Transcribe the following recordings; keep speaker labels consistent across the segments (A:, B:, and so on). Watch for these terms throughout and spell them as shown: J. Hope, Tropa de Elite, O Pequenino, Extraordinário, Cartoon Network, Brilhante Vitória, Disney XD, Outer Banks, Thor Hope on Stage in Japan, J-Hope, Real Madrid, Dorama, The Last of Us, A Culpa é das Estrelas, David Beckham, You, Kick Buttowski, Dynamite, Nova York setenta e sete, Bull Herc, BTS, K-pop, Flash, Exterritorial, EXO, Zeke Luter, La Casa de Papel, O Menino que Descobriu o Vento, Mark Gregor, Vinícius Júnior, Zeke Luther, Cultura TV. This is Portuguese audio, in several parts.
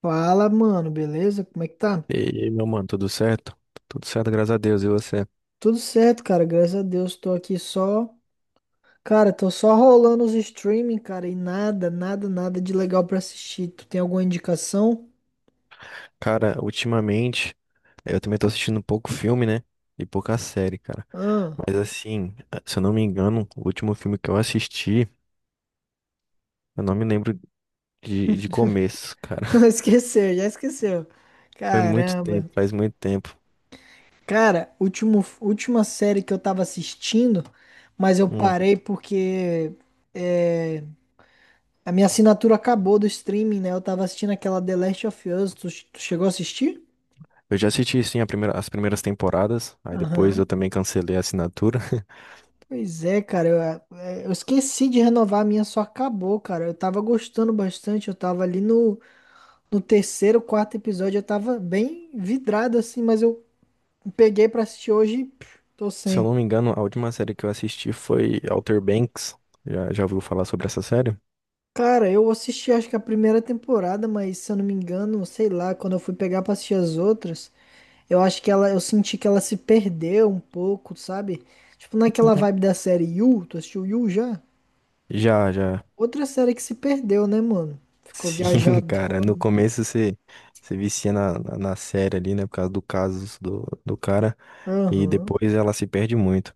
A: Fala, mano, beleza? Como é que tá?
B: E aí, meu mano, tudo certo? Tudo certo, graças a Deus. E você?
A: Tudo certo, cara, graças a Deus. Tô aqui só. Cara, tô só rolando os streaming, cara, e nada de legal pra assistir. Tu tem alguma indicação?
B: Cara, ultimamente eu também tô assistindo pouco filme, né? E pouca série, cara.
A: Ah,
B: Mas assim, se eu não me engano, o último filme que eu assisti, eu não me lembro de começo, cara.
A: esqueceu, já esqueceu.
B: Foi muito
A: Caramba.
B: tempo, faz muito tempo.
A: Cara, última série que eu tava assistindo, mas eu
B: Hum.
A: parei porque é, a minha assinatura acabou do streaming, né? Eu tava assistindo aquela The Last of Us. Tu chegou a assistir?
B: Eu já assisti, sim, as primeiras temporadas. Aí depois eu
A: Aham.
B: também cancelei a assinatura.
A: Pois é, cara, eu esqueci de renovar, a minha só acabou, cara. Eu tava gostando bastante, eu tava ali no, no terceiro, quarto episódio, eu tava bem vidrado assim, mas eu peguei pra assistir hoje e pff, tô
B: Se eu
A: sem.
B: não me engano, a última série que eu assisti foi Outer Banks. Já, já ouviu falar sobre essa série?
A: Cara, eu assisti acho que a primeira temporada, mas se eu não me engano, sei lá, quando eu fui pegar pra assistir as outras, eu acho eu senti que ela se perdeu um pouco, sabe? Tipo, naquela vibe
B: É.
A: da série You, tu assistiu You já?
B: Já, já.
A: Outra série que se perdeu, né, mano? Ficou
B: Sim, cara, no
A: viajadona.
B: começo você vicia na série ali, né, por causa do caso do cara, e
A: Aham.
B: depois ela se perde muito.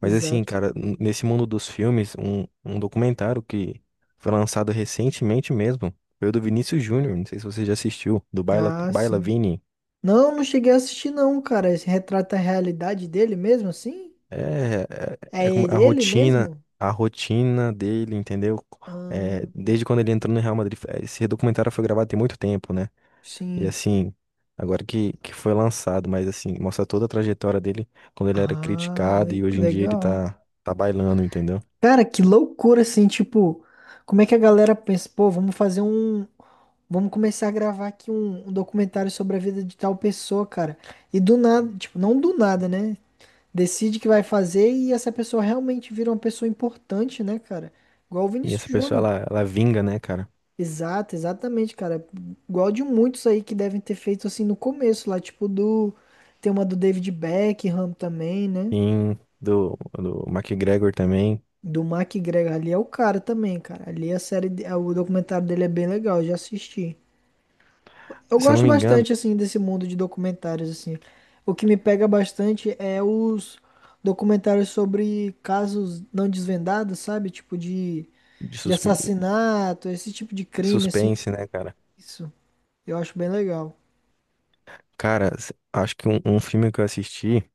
B: Mas assim,
A: Exato.
B: cara, nesse mundo dos filmes, um documentário que foi lançado recentemente mesmo, foi o do Vinícius Júnior, não sei se você já assistiu, do Baila,
A: Ah,
B: Baila
A: sim.
B: Vini.
A: Não, não cheguei a assistir não, cara. Esse retrata a realidade dele mesmo, assim?
B: É, é,
A: É
B: é como
A: ele, ele mesmo?
B: a rotina dele, entendeu? É,
A: Ah,
B: desde quando ele entrou no Real Madrid, esse documentário foi gravado tem muito tempo, né? E
A: sim.
B: assim, agora que foi lançado, mas assim, mostra toda a trajetória dele quando ele era
A: Ah,
B: criticado e hoje em dia ele
A: legal.
B: tá, tá bailando, entendeu?
A: Cara, que loucura, assim, tipo, como é que a galera pensa, pô, vamos começar a gravar aqui um documentário sobre a vida de tal pessoa, cara. E do nada, tipo, não do nada, né? Decide que vai fazer e essa pessoa realmente vira uma pessoa importante, né, cara? Igual o
B: E
A: Vinícius
B: essa pessoa,
A: Júnior.
B: ela vinga, né, cara?
A: Exato, exatamente, cara. Igual de muitos aí que devem ter feito assim no começo, lá, tipo do. Tem uma do David Beckham também, né?
B: Em do McGregor também,
A: Do Mark Gregor. Ali é o cara também, cara. Ali o documentário dele é bem legal, eu já assisti. Eu
B: se eu não
A: gosto
B: me engano,
A: bastante, assim, desse mundo de documentários, assim. O que me pega bastante é os documentários sobre casos não desvendados, sabe? Tipo
B: de
A: de
B: sus-
A: assassinato, esse tipo de crime, assim.
B: suspense, né, cara?
A: Isso, eu acho bem legal.
B: Cara, acho que um filme que eu assisti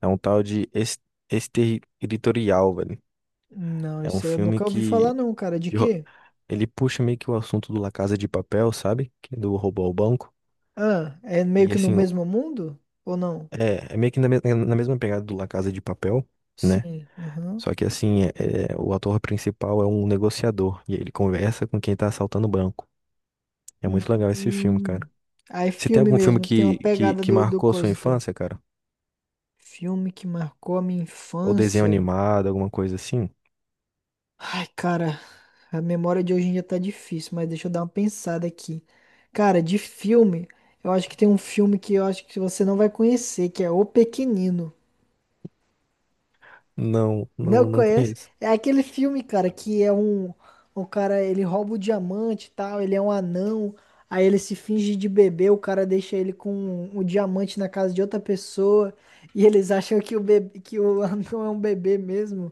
B: é um tal de Exterritorial, velho.
A: Não,
B: É um
A: isso aí eu
B: filme
A: nunca ouvi falar
B: que
A: não, cara. De
B: de ro-
A: quê?
B: ele puxa meio que o assunto do La Casa de Papel, sabe? Que é do roubo ao banco.
A: Ah, é meio
B: E
A: que no
B: assim,
A: mesmo mundo? Ou não?
B: É meio que na mesma pegada do La Casa de Papel, né?
A: Sim, aham.
B: Só que assim, é, o ator principal é um negociador e ele conversa com quem tá assaltando o banco. É muito legal esse filme, cara.
A: Hum. Aí
B: Você tem
A: filme
B: algum filme
A: mesmo, tem uma pegada
B: que
A: do
B: marcou a sua
A: coisa, então.
B: infância, cara?
A: Filme que marcou a minha
B: Ou desenho
A: infância.
B: animado, alguma coisa assim?
A: Ai, cara, a memória de hoje em dia tá difícil, mas deixa eu dar uma pensada aqui. Cara, de filme, eu acho que tem um filme que eu acho que você não vai conhecer, que é O Pequenino.
B: Não,
A: Não
B: não, não
A: conhece?
B: conheço.
A: É aquele filme, cara, um cara, ele rouba o diamante e tal, ele é um anão, aí ele se finge de bebê, o cara deixa ele com o diamante na casa de outra pessoa, e eles acham que o anão é um bebê mesmo.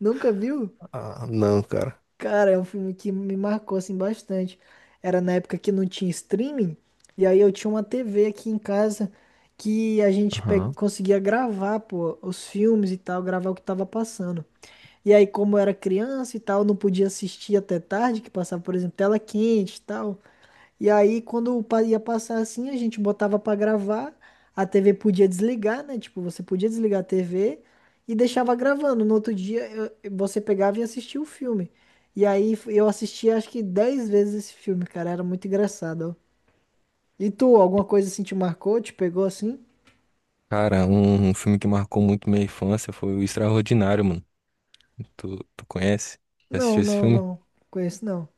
A: Nunca viu?
B: Ah, não, cara.
A: Cara, é um filme que me marcou assim bastante. Era na época que não tinha streaming, e aí eu tinha uma TV aqui em casa que
B: Aham.
A: conseguia gravar, pô, os filmes e tal, gravar o que tava passando. E aí, como eu era criança e tal, não podia assistir até tarde, que passava, por exemplo, tela quente e tal. E aí, ia passar assim, a gente botava pra gravar, a TV podia desligar, né? Tipo, você podia desligar a TV e deixava gravando. No outro dia, você pegava e assistia o filme. E aí, eu assistia acho que 10 vezes esse filme, cara. Era muito engraçado, ó. E tu, alguma coisa assim te marcou, te pegou assim?
B: Cara, um filme que marcou muito minha infância foi o Extraordinário, mano. Tu conhece? Já assistiu
A: Não,
B: esse
A: não,
B: filme?
A: não. Conheço não.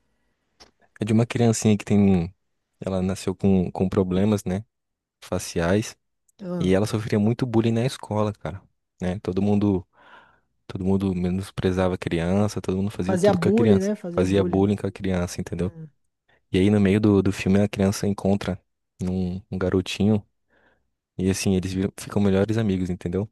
B: É de uma criancinha que tem. Ela nasceu com problemas, né? Faciais, e
A: Ah,
B: ela sofria muito bullying na escola, cara, né? Todo mundo menosprezava a criança, todo mundo fazia
A: fazia
B: tudo com a
A: bullying,
B: criança,
A: né? Fazia
B: fazia
A: bullying.
B: bullying com a criança, entendeu?
A: Hum.
B: E aí no meio do filme a criança encontra um garotinho e assim ficam melhores amigos, entendeu?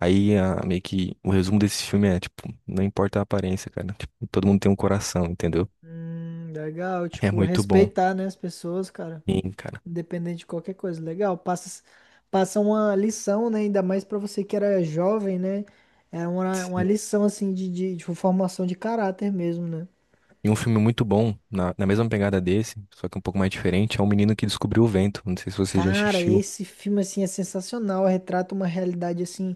B: Meio que o resumo desse filme é tipo, não importa a aparência, cara, tipo, todo mundo tem um coração, entendeu?
A: Legal,
B: É
A: tipo,
B: muito bom.
A: respeitar, né, as pessoas, cara,
B: Sim, cara.
A: independente de qualquer coisa, legal, passa uma lição, né, ainda mais pra você que era jovem, né, era uma lição, assim, de formação de caráter mesmo, né.
B: E um filme muito bom, na mesma pegada desse, só que um pouco mais diferente, é O Menino que Descobriu o Vento. Não sei se você já
A: Cara,
B: assistiu.
A: esse filme, assim, é sensacional, retrata uma realidade, assim,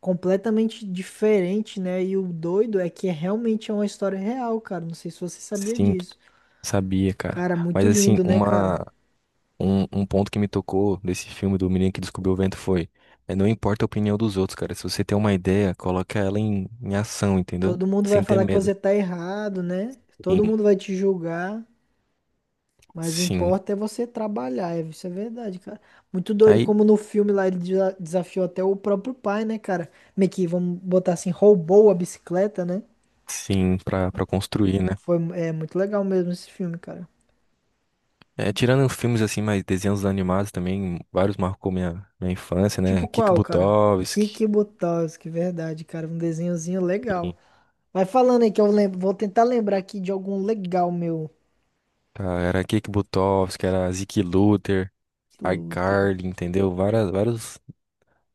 A: completamente diferente, né, e o doido é que é realmente é uma história real, cara, não sei se você sabia
B: Sim,
A: disso.
B: sabia, cara.
A: Cara, muito
B: Mas assim,
A: lindo, né, cara?
B: um ponto que me tocou desse filme do Menino que Descobriu o Vento foi, é, não importa a opinião dos outros, cara. Se você tem uma ideia, coloca ela em ação, entendeu?
A: Todo mundo vai
B: Sem ter
A: falar que
B: medo.
A: você tá errado, né? Todo
B: Sim,
A: mundo vai te julgar, mas o
B: sim.
A: importa é você trabalhar, isso é verdade, cara. Muito doido,
B: Aí,
A: como no filme lá ele desafiou até o próprio pai, né, cara? Meio que, vamos botar assim, roubou a bicicleta, né?
B: sim, pra construir, né?
A: Foi, é muito legal mesmo esse filme, cara.
B: É, tirando filmes assim, mais desenhos animados também, vários marcou minha infância,
A: Tipo
B: né? Kik
A: qual, cara?
B: Butovski.
A: Kiki Butowski, verdade, cara. Um desenhozinho legal. Vai falando aí que eu lembro, vou tentar lembrar aqui de algum legal meu.
B: Tá, era Kick Buttowski, era Zeke Luther,
A: Luter.
B: iCarly, entendeu? Várias, vários,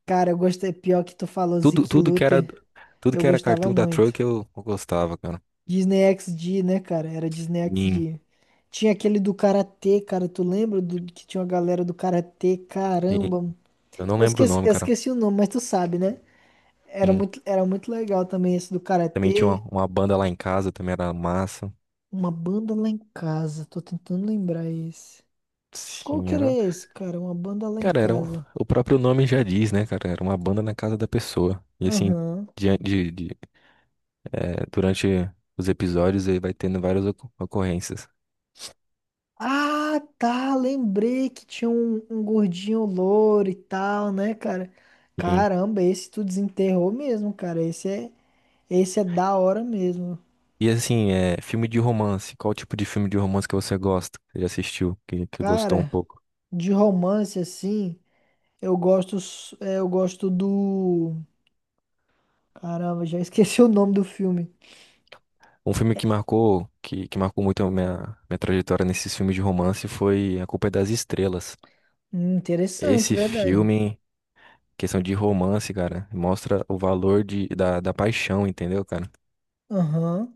A: Cara, eu gostei, pior que tu falou
B: tudo,
A: Zeke
B: tudo que era,
A: Luter.
B: tudo
A: Eu
B: que era
A: gostava
B: cartoon da Troy
A: muito.
B: que eu gostava, cara.
A: Disney XD, né, cara? Era Disney
B: Sim,
A: XD. Tinha aquele do Karatê, cara. Tu lembra do que tinha uma galera do Karatê?
B: sim.
A: Caramba.
B: Eu não lembro o nome,
A: Eu
B: cara.
A: esqueci o nome, mas tu sabe, né? Era
B: Sim.
A: era muito legal também esse do
B: Também tinha
A: Karatê.
B: uma banda lá em casa, também era massa.
A: Uma banda lá em casa. Tô tentando lembrar esse. Qual
B: Sim,
A: que era
B: era.
A: esse, cara? Uma banda lá em
B: Cara,
A: casa.
B: o próprio nome já diz, né, cara? Era uma banda na casa da pessoa. E assim,
A: Aham.
B: de, de, de- durante os episódios aí vai tendo várias ocorrências.
A: Ah, tá, lembrei que tinha um gordinho louro e tal, né, cara? Caramba, esse tu desenterrou mesmo, cara. Esse é da hora mesmo.
B: E assim, é, filme de romance. Qual tipo de filme de romance que você gosta? Que já assistiu, que gostou um
A: Cara,
B: pouco?
A: de romance assim, eu gosto do. Caramba, já esqueci o nome do filme.
B: Um filme que marcou, que marcou muito a minha trajetória nesses filmes de romance foi A Culpa é das Estrelas.
A: Interessante,
B: Esse
A: verdade.
B: filme, questão de romance, cara, mostra o valor da paixão, entendeu, cara?
A: Aham.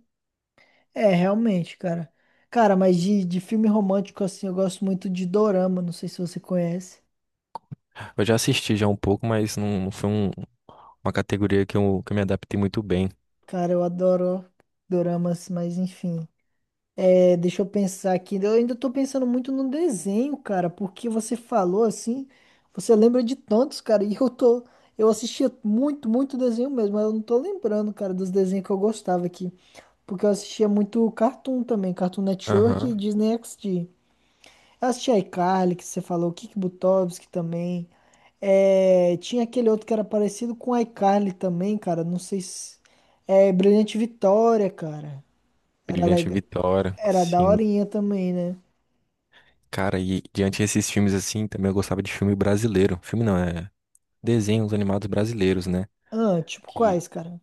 A: É, realmente, cara. Cara, mas de filme romântico assim, eu gosto muito de Dorama, não sei se você conhece.
B: Eu já assisti já um pouco, mas não, uma categoria que que eu me adaptei muito bem.
A: Cara, eu adoro doramas, mas enfim. É, deixa eu pensar aqui. Eu ainda tô pensando muito no desenho, cara, porque você falou assim, você lembra de tantos, cara, e eu tô. Eu assistia muito desenho mesmo, mas eu não tô lembrando, cara, dos desenhos que eu gostava aqui. Porque eu assistia muito Cartoon também, Cartoon Network e
B: Aham.
A: Disney XD. Assisti a iCarly, que você falou, Kik Butovski também. É, tinha aquele outro que era parecido com a iCarly também, cara. Não sei se. É, Brilhante Vitória, cara. Era
B: Brilhante
A: legal.
B: Vitória,
A: Era
B: sim.
A: daorinha também, né?
B: Cara, e diante desses filmes assim, também eu gostava de filme brasileiro. Filme não, é desenhos animados brasileiros, né?
A: Ah, tipo
B: Que,
A: quais, cara?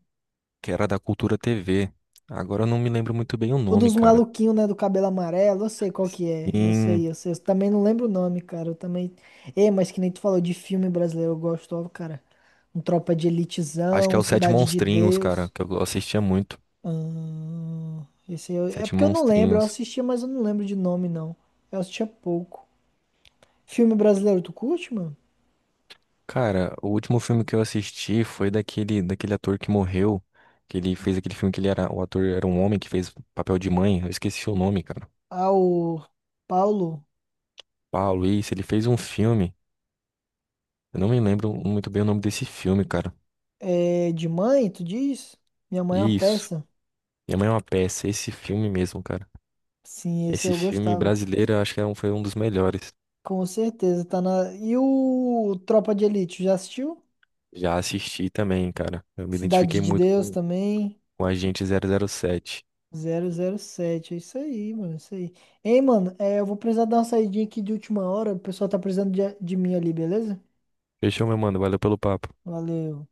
B: que era da Cultura TV. Agora eu não me lembro muito bem o
A: O
B: nome,
A: dos
B: cara.
A: maluquinhos, né? Do cabelo amarelo. Eu sei qual que é.
B: Sim,
A: Eu sei. Eu também não lembro o nome, cara. Eu também. É, mas que nem tu falou de filme brasileiro. Eu gosto, ó, cara. Um Tropa de
B: acho que é
A: Elitezão,
B: o Sete
A: Cidade de
B: Monstrinhos, cara,
A: Deus.
B: que eu assistia muito.
A: Ah, esse é
B: Sete
A: porque eu não lembro, eu
B: Monstrinhos.
A: assistia, mas eu não lembro de nome, não. Eu assistia pouco. Filme brasileiro, tu curte, mano?
B: Cara, o último filme que eu assisti foi daquele ator que morreu, que ele fez aquele filme que ele era, o ator era um homem que fez papel de mãe, eu esqueci o nome, cara.
A: Ah, o Paulo
B: Paulo, isso, ele fez um filme, eu não me lembro muito bem o nome desse filme, cara.
A: é de mãe, tu diz? Minha mãe é uma
B: Isso,
A: peça.
B: Minha Mãe é uma Peça, esse filme mesmo, cara.
A: Sim, esse aí
B: Esse
A: eu
B: filme
A: gostava.
B: brasileiro, eu acho que foi um dos melhores.
A: Com certeza, tá na. E o Tropa de Elite, já assistiu?
B: Já assisti também, cara. Eu me
A: Cidade
B: identifiquei
A: de
B: muito
A: Deus também.
B: com Agente 007.
A: 007, é isso aí, mano, é isso aí. Ei, mano, eu vou precisar dar uma saidinha aqui de última hora. O pessoal tá precisando de mim ali, beleza?
B: Fechou, meu mano. Valeu pelo papo.
A: Valeu.